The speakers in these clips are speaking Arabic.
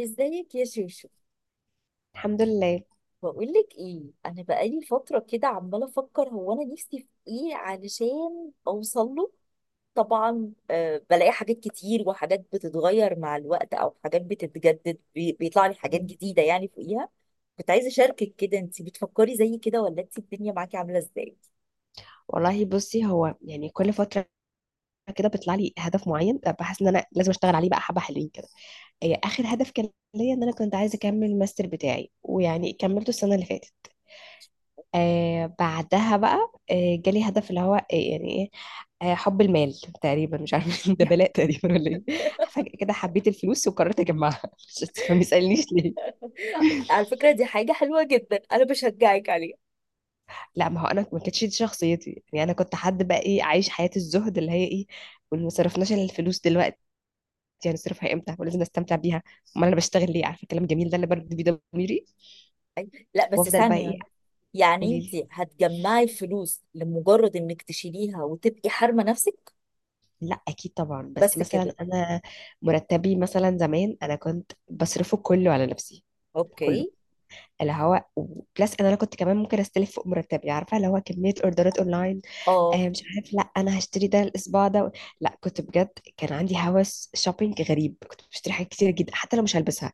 ازيك يا شوشو؟ الحمد لله. بقولك ايه، انا بقالي فتره كده عماله افكر هو انا نفسي في ايه علشان اوصل له. طبعا آه بلاقي حاجات كتير، وحاجات بتتغير مع الوقت او حاجات بتتجدد، بيطلع لي حاجات جديده يعني فوقيها. كنت عايزه اشاركك كده، انت بتفكري زي كده ولا انت الدنيا معاكي عامله ازاي؟ والله بصي، هو يعني كل فترة كده بيطلع لي هدف معين بحس ان انا لازم اشتغل عليه. بقى حبة حلوين كده. اخر هدف كان ليا ان انا كنت عايزة اكمل الماستر بتاعي، ويعني كملته السنة اللي فاتت. آه، بعدها بقى آه جالي هدف اللي هو آه يعني ايه، آه، حب المال تقريبا. مش عارفة ده بلاء تقريبا ولا ايه؟ فجأة كده حبيت الفلوس وقررت اجمعها. مش ما يسألنيش ليه. على فكره دي حاجه حلوه جدا، انا بشجعك عليها. لا، ما هو انا ما كانتش دي شخصيتي. يعني انا كنت حد بقى ايه، عايش حياة الزهد اللي هي ايه، وما صرفناش إلا الفلوس دلوقتي. يعني صرفها امتى، ولازم نستمتع بيها. امال انا بشتغل ليه؟ عارفه الكلام الجميل ده اللي برد بيه ضميري لا بس وافضل بقى ثانيه، ايه. يعني قولي انت لي. هتجمعي فلوس لمجرد انك تشيليها وتبقي حارمه نفسك؟ لا اكيد طبعا، بس بس مثلا كده. انا مرتبي مثلا زمان انا كنت بصرفه كله على نفسي. كله. اوكي. اللي هو بلس ان انا كنت كمان ممكن استلف فوق مرتبي، عارفه اللي هو كميه اوردرات اونلاين. اه. آه مش عارف، لا انا هشتري ده الاسبوع ده. لا كنت بجد كان عندي هوس شوبينج غريب. كنت بشتري حاجات كتير جدا حتى لو مش هلبسها.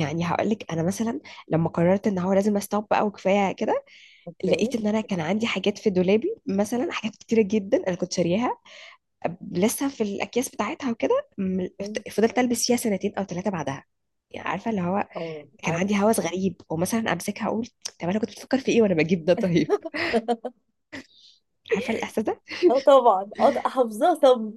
يعني هقول لك انا مثلا لما قررت ان هو لازم استوب بقى وكفايه كده، اوكي. لقيت ان انا كان عندي حاجات في دولابي مثلا، حاجات كتيره جدا انا كنت شارياها لسه في الاكياس بتاعتها. وكده فضلت البس فيها سنتين او ثلاثه بعدها. يعني عارفه اللي هو اه كان عارف. عندي هوس غريب. ومثلا امسكها اقول، طب انا كنت بفكر في ايه وانا بجيب ده؟ طيب عارفه الاحساس ده؟ اه طبعا، اه حافظاه. طب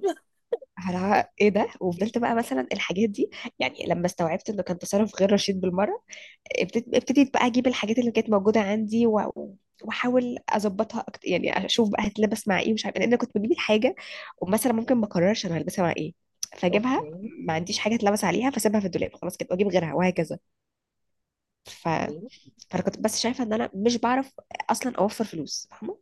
أنا ايه ده؟ وفضلت بقى مثلا الحاجات دي، يعني لما استوعبت انه كان تصرف غير رشيد بالمره، ابتديت بقى اجيب الحاجات اللي كانت موجوده عندي، و... واحاول اظبطها اكتر. يعني اشوف بقى هتلبس مع ايه، مش عارفه، لان انا كنت بجيب الحاجه ومثلا ممكن ما اقررش انا هلبسها مع ايه، فاجيبها اوكي. ما عنديش حاجه اتلبس عليها، فاسيبها في الدولاب خلاص كده واجيب غيرها، وهكذا. ف... اوكي. فانا كنت بس شايفه ان انا مش بعرف اصلا اوفر فلوس، فاهمه؟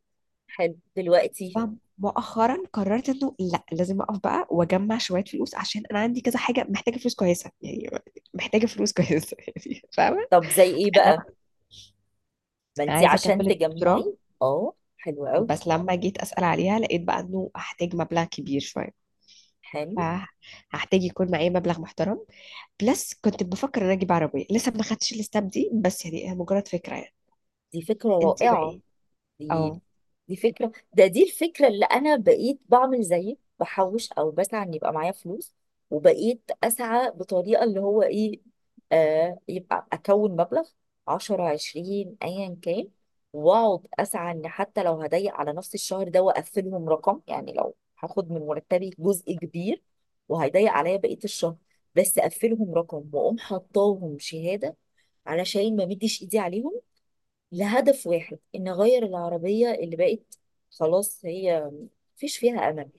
حلو دلوقتي. فمؤخرا قررت انه لا، لازم اقف بقى واجمع شويه فلوس، عشان انا عندي كذا حاجه محتاجه فلوس كويسه يعني. محتاجه فلوس كويسه يعني، فاهمه؟ طب زي ايه بقى؟ انما ما انا انت عايزه عشان اكمل الدكتوراه، تجمعي، اه حلو قوي. بس لما جيت اسال عليها لقيت بقى انه هحتاج مبلغ كبير شويه. حلو، فهحتاج يكون معايا مبلغ محترم. بلس كنت بفكر ان أنا اجيب عربيه، لسه ما خدتش الستاب دي، بس يعني هي مجرد فكره يعني. دي فكرة انت بقى رائعة. ايه؟ دي اه. دي فكرة، ده دي الفكرة اللي أنا بقيت بعمل زيك، بحوش أو بسعى إن يبقى معايا فلوس. وبقيت أسعى بطريقة اللي هو إيه، آه يبقى أكون مبلغ 10 20 أيا كان، وأقعد أسعى إن حتى لو هضيق على نفس الشهر ده وأقفلهم رقم. يعني لو هاخد من مرتبي جزء كبير وهيضيق عليا بقية الشهر، بس أقفلهم رقم وأقوم حطاهم شهادة علشان ما مديش إيدي عليهم، لهدف واحد ان اغير العربيه اللي بقت خلاص هي مفيش فيها امل.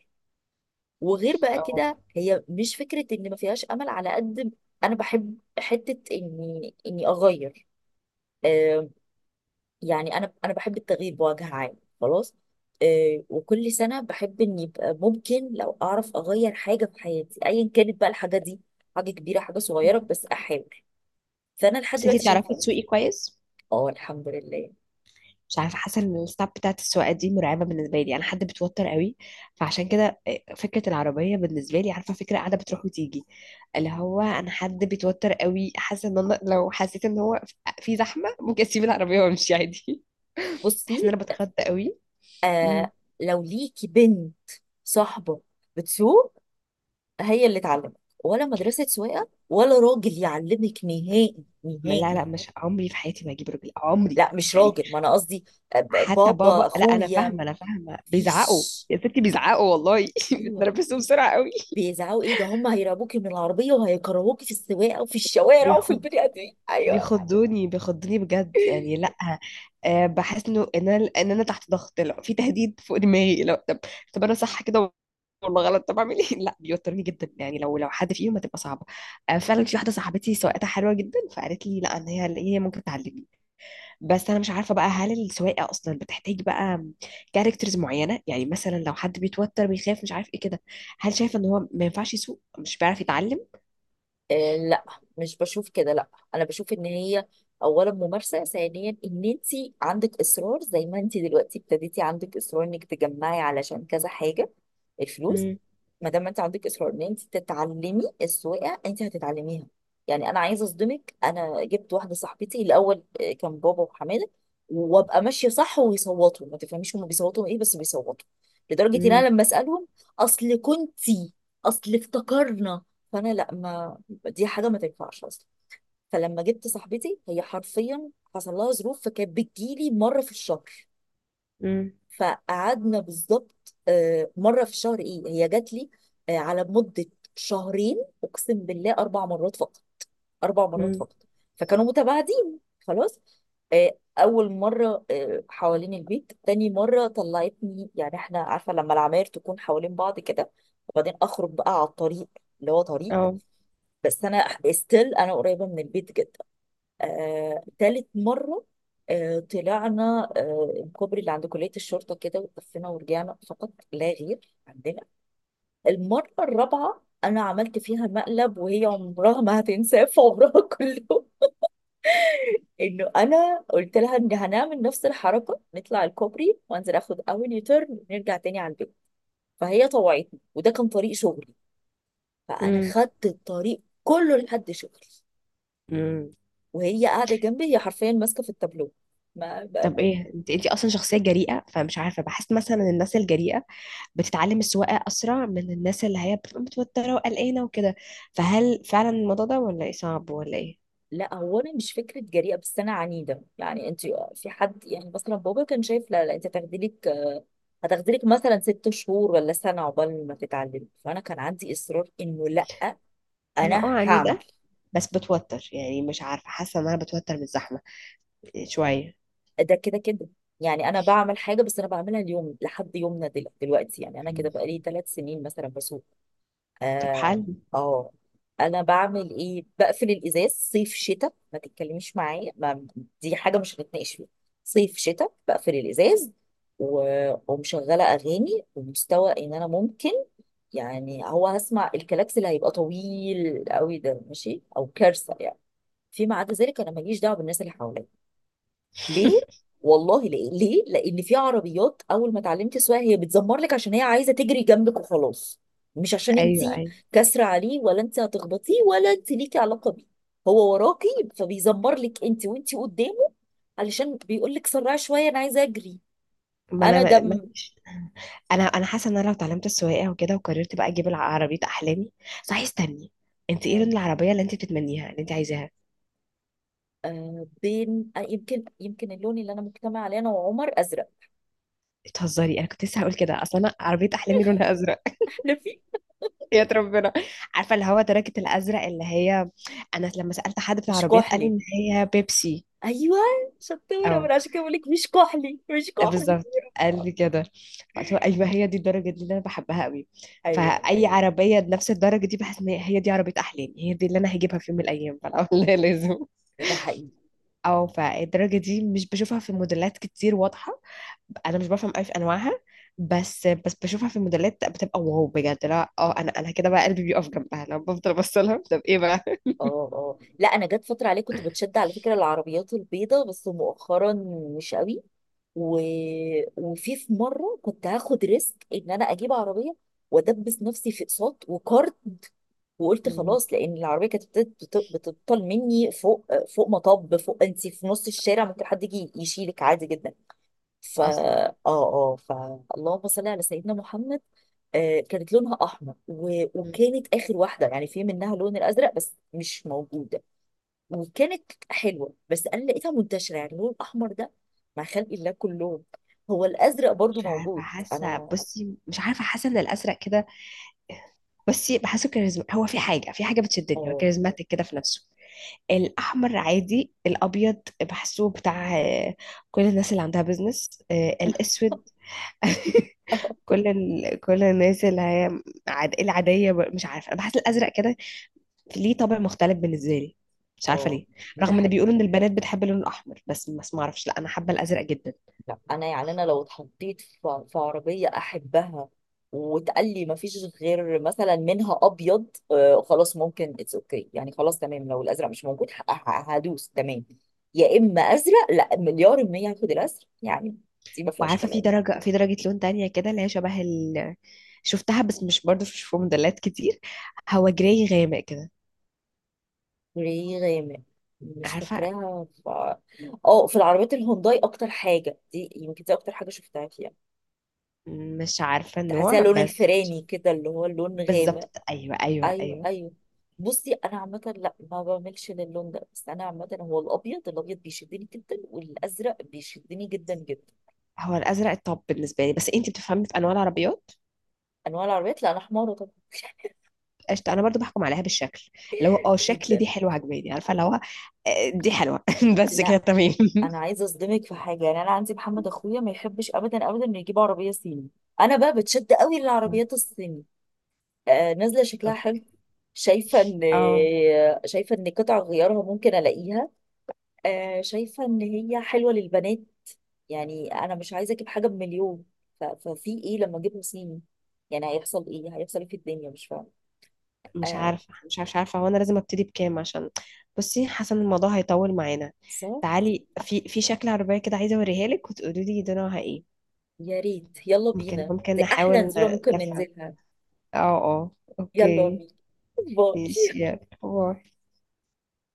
وغير بقى اه. كده هي مش فكره ان ما فيهاش امل على قد انا بحب حته اني اغير. آه يعني انا بحب التغيير بوجه عام. خلاص. آه وكل سنه بحب ان يبقى ممكن لو اعرف اغير حاجه في حياتي، ايا كانت بقى الحاجه دي، حاجه كبيره حاجه صغيره بس احاول. فانا لحد بس انت دلوقتي تعرفي شايفه. تسوقي كويس؟ اه الحمد لله. مش عارفه، حاسه ان الستاب بتاعت السواقه دي مرعبه بالنسبه لي. انا حد بتوتر قوي، فعشان كده فكره العربيه بالنسبه لي، عارفه، فكره قاعده بتروح وتيجي. اللي هو انا حد بيتوتر قوي. حاسه ان انا لو حسيت ان هو في زحمه ممكن اسيب العربيه وامشي عادي. بحس ان بصي، انا بتخض قوي. امم آه لو ليكي بنت صاحبة بتسوق، هي اللي تعلمك، ولا مدرسة سواقة، ولا راجل يعلمك نهائي. لا نهائي. لا، مش عمري في حياتي ما اجيب رجل عمري لا مش يعني. راجل، ما انا قصدي حتى بابا بابا لا، انا اخويا. فاهمه، انا فاهمه، بيزعقوا مفيش. يا ستي، بيزعقوا والله. ايوه بتنرفزوا بسرعه قوي. بيزعقوا ايه ده، هم هيرعبوكي من العربية وهيكرهوكي في السواقة وفي الشوارع وفي بياخد، البني ادمين. ايوه. بيخضوني بيخضوني بجد يعني. لا أه بحس انه ان انا تحت ضغط، لا في تهديد فوق دماغي. لو طب، طب انا صح كده والله غلط، طب اعمل ايه؟ لا بيوترني جدا. يعني لو حد فيهم هتبقى صعبه. أه فعلا في واحده صاحبتي سواقتها حلوه جدا، فقالت لي لا ان هي ممكن تعلمني. بس انا مش عارفه بقى، هل السواقه اصلا بتحتاج بقى كاركترز معينه؟ يعني مثلا لو حد بيتوتر، بيخاف، مش عارف ايه كده، هل شايفه ان هو ما ينفعش يسوق، مش بيعرف يتعلم؟ آه لا، مش بشوف كده، لا. انا بشوف ان هي اولا ممارسه، ثانيا ان انت عندك اصرار زي ما انت دلوقتي ابتديتي، عندك اصرار انك تجمعي علشان كذا حاجه الفلوس. امم ما دام انت عندك اصرار ان انت تتعلمي السواقه، انت هتتعلميها. يعني انا عايزه اصدمك، انا جبت واحده صاحبتي. الاول كان بابا وحماده، وابقى ماشيه صح ويصوتوا، ما تفهميش هم بيصوتوا ايه بس بيصوتوا، لدرجه ان انا امم لما اسالهم اصل كنتي، اصل افتكرنا. فانا لا، ما دي حاجه ما تنفعش اصلا. فلما جبت صاحبتي هي حرفيا حصل لها ظروف، فكانت بتجيلي مره في الشهر. فقعدنا بالظبط مره في الشهر، ايه هي جات لي على مده شهرين، اقسم بالله 4 مرات فقط. 4 مرات امم فقط. فكانوا متباعدين خلاص. اول مره حوالين البيت، تاني مره طلعتني يعني احنا عارفه لما العماير تكون حوالين بعض كده، وبعدين اخرج بقى على الطريق اللي هو طريق، بس انا ستيل انا قريبه من البيت جدا. تالت مرة طلعنا الكوبري اللي عند كلية الشرطة كده وتلفينا ورجعنا، فقط لا غير عندنا. المرة الرابعة أنا عملت فيها مقلب وهي عمرها ما هتنساه في عمرها كله. إنه أنا قلت لها إن هنعمل نفس الحركة، نطلع الكوبري وأنزل آخد أول يوتيرن ونرجع تاني على البيت. فهي طوعتني، وده كان طريق شغلي. فأنا اه. خدت الطريق كله لحد شغلي. مم. وهي قاعدة جنبي هي حرفيا ماسكة في التابلو. ما طب ايه، انت انت اصلا شخصيه جريئه، فمش عارفه، بحس مثلا إن الناس الجريئه بتتعلم السواقه اسرع من الناس اللي هي بتبقى متوتره وقلقانه وكده. فهل فعلا الموضوع ده ولا ايه؟ صعب ولا ايه؟ لا، هو انا مش فكره جريئه بس انا عنيده. يعني انت، في حد يعني مثلا بابا كان شايف لا لا، انت هتاخدي لك مثلا 6 شهور ولا سنه عقبال ما تتعلمي، فانا كان عندي اصرار انه لا، انا اه انا هعمل. عنيده، بس بتوتر. يعني مش عارفه، حاسه ان انا بتوتر من الزحمه شويه. ده كده كده، يعني انا بعمل حاجه بس انا بعملها اليوم لحد يومنا دلوقتي. يعني انا كده مم. بقالي 3 سنين مثلا بسوق. طب اه. حل. اه انا بعمل ايه، بقفل الازاز صيف شتاء، ما تتكلميش معايا. ما دي حاجه مش هنتناقش فيها. صيف شتاء بقفل الازاز، و... ومشغله اغاني ومستوى ان انا ممكن، يعني هو هسمع الكلاكس اللي هيبقى طويل قوي ده ماشي، او كارثه يعني. فيما عدا ذلك انا ماليش دعوه بالناس اللي حواليا. ليه؟ والله ليه، لان في عربيات اول ما اتعلمتي السواقه هي بتزمر لك عشان هي عايزه تجري جنبك وخلاص. مش عشان انت ايوه ايوه، كاسره عليه ولا انت هتخبطيه ولا انت ليكي علاقه بيه، هو وراكي فبيزمر لك انت وانت قدامه، علشان بيقول لك سرعي شويه انا عايزه اجري. ما انا انا ما ما- دم. انا حاسه ان انا لو اتعلمت السواقه وكده وقررت بقى اجيب العربيه احلامي. صحيح استني، انت ايه مم. لون العربيه اللي انت بتتمنيها، اللي انت عايزاها؟ آه بين، آه يمكن اللون اللي انا مجتمع عليه انا وعمر، ازرق. بتهزري، انا كنت لسه هقول كده، اصل انا عربيه احلامي لونها ازرق. لفيف. يا ربنا. عارفه اللي هو تركه الازرق اللي هي، انا لما سالت حد في مش العربيات قال لي كحلي. ان هي بيبسي. ايوه. شطوره، او من عشان كده بقول لك مش كحلي، مش كحلي. بالظبط قال لي كده، فقلت له ايوه هي دي الدرجه دي اللي انا بحبها قوي. ايوه فاي عربيه بنفس الدرجه دي بحس ان هي دي عربيه احلامي، هي دي اللي انا هجيبها في يوم من الايام. فلا والله لازم. ده حقيقي. او فالدرجه دي مش بشوفها في موديلات كتير واضحه، انا مش بفهم قوي في انواعها، بس بشوفها في الموديلات بتبقى واو بجد. لا اه، انا كده بقى قلبي بيقف جنبها لو بفضل ابص لها. طب ايه بقى؟ اه اه لا، انا جت فتره عليه كنت بتشد على فكره العربيات البيضاء، بس مؤخرا مش قوي. و... وفي مره كنت هاخد ريسك ان انا اجيب عربيه وادبس نفسي في اقساط وكارد، وقلت مم. خلاص، لان العربيه كانت بتبطل مني فوق، فوق مطب، فوق، انت في نص الشارع ممكن حد يجي يشيلك عادي جدا. فا اصلا. اه اه فاللهم صل على سيدنا محمد. آه كانت لونها احمر، و... مم. وكانت اخر واحده يعني في منها اللون الازرق بس مش موجود. وكانت حلوه، بس انا لقيتها منتشره يعني اللون الاحمر ده مع خلق الله كلهم. هو الازرق برضو مش عارفه موجود. حاسه، انا بصي مش عارفه حاسه ان الازرق كده، بصي، بحسه كاريزما. هو في حاجه، في حاجه بتشدني، هو اه. كاريزماتيك كده في نفسه. الاحمر عادي، الابيض بحسه بتاع كل الناس اللي عندها بيزنس، الاسود كل ال... كل الناس اللي هي عاد... العاديه. مش عارفه، انا بحس الازرق كده ليه طابع مختلف بالنسبه لي، مش عارفه اه ليه. ده رغم ان بيقولوا حقيقي. ان البنات بتحب اللون الاحمر، بس ما اعرفش، لا انا حابه الازرق جدا. لا انا يعني، انا لو اتحطيت في عربيه احبها وتقال لي ما فيش غير مثلا منها ابيض، آه خلاص ممكن اتس اوكي، يعني خلاص تمام لو الازرق مش موجود هدوس تمام. يا اما ازرق، لا مليار المية هاخد الازرق يعني، دي ما فيهاش وعارفه في كلام. درجه، في درجه لون تانية كده اللي هي شبه ال... شفتها بس مش برضه مش في موديلات كتير. هو جراي غامق كده، ليه غامق؟ مش عارفه؟ فاكراها. ف... اه في العربيات الهونداي اكتر حاجه، دي يمكن دي اكتر حاجه شفتها فيها. مش عارفه تحسيها النوع لون بس. الفراني كده اللي هو اللون غامق. بالظبط، ايوه ايوه ايوه. ايوه. بصي انا عامه لا ما بعملش للون ده، بس انا عامه هو الابيض، الابيض بيشدني جدا والازرق بيشدني جدا. هو الازرق الطب بالنسبه لي، بس انت بتفهمي في انواع العربيات. انواع العربيات؟ لا انا حماره طبعا. قشطه، انا برضو بحكم عليها بالشكل، اللي هو اه شكل جدا. دي حلوه، عجباني، عارفه اللي هو، دي حلوه. بس كده لا تمام. انا عايزه اصدمك في حاجه، يعني انا عندي محمد اخويا ما يحبش ابدا انه يجيب عربيه صيني. انا بقى بتشد قوي للعربيات الصيني. نازله شكلها حلو. شايفه ان اه. شايفه ان قطع غيارها ممكن الاقيها، شايفه ان هي حلوه للبنات. يعني انا مش عايزه اجيب حاجه بمليون، ففي ايه لما اجيب صيني؟ يعني هيحصل ايه، هيحصل ايه في الدنيا مش فاهمه. مش آه، عارفة مش عارفة مش عارفة هو أنا لازم أبتدي بكام عشان، بصي حاسة إن الموضوع هيطول معانا. صح. تعالي، في شكل عربية كده عايزة أوريها لك وتقولي لي نوعها إيه. يا ريت يلا ممكن بينا، ممكن دي نحاول احلى نزوله ممكن نفهم. ننزلها. اه. اه. يلا أوكي. بينا. ماشي باي. يلا باي.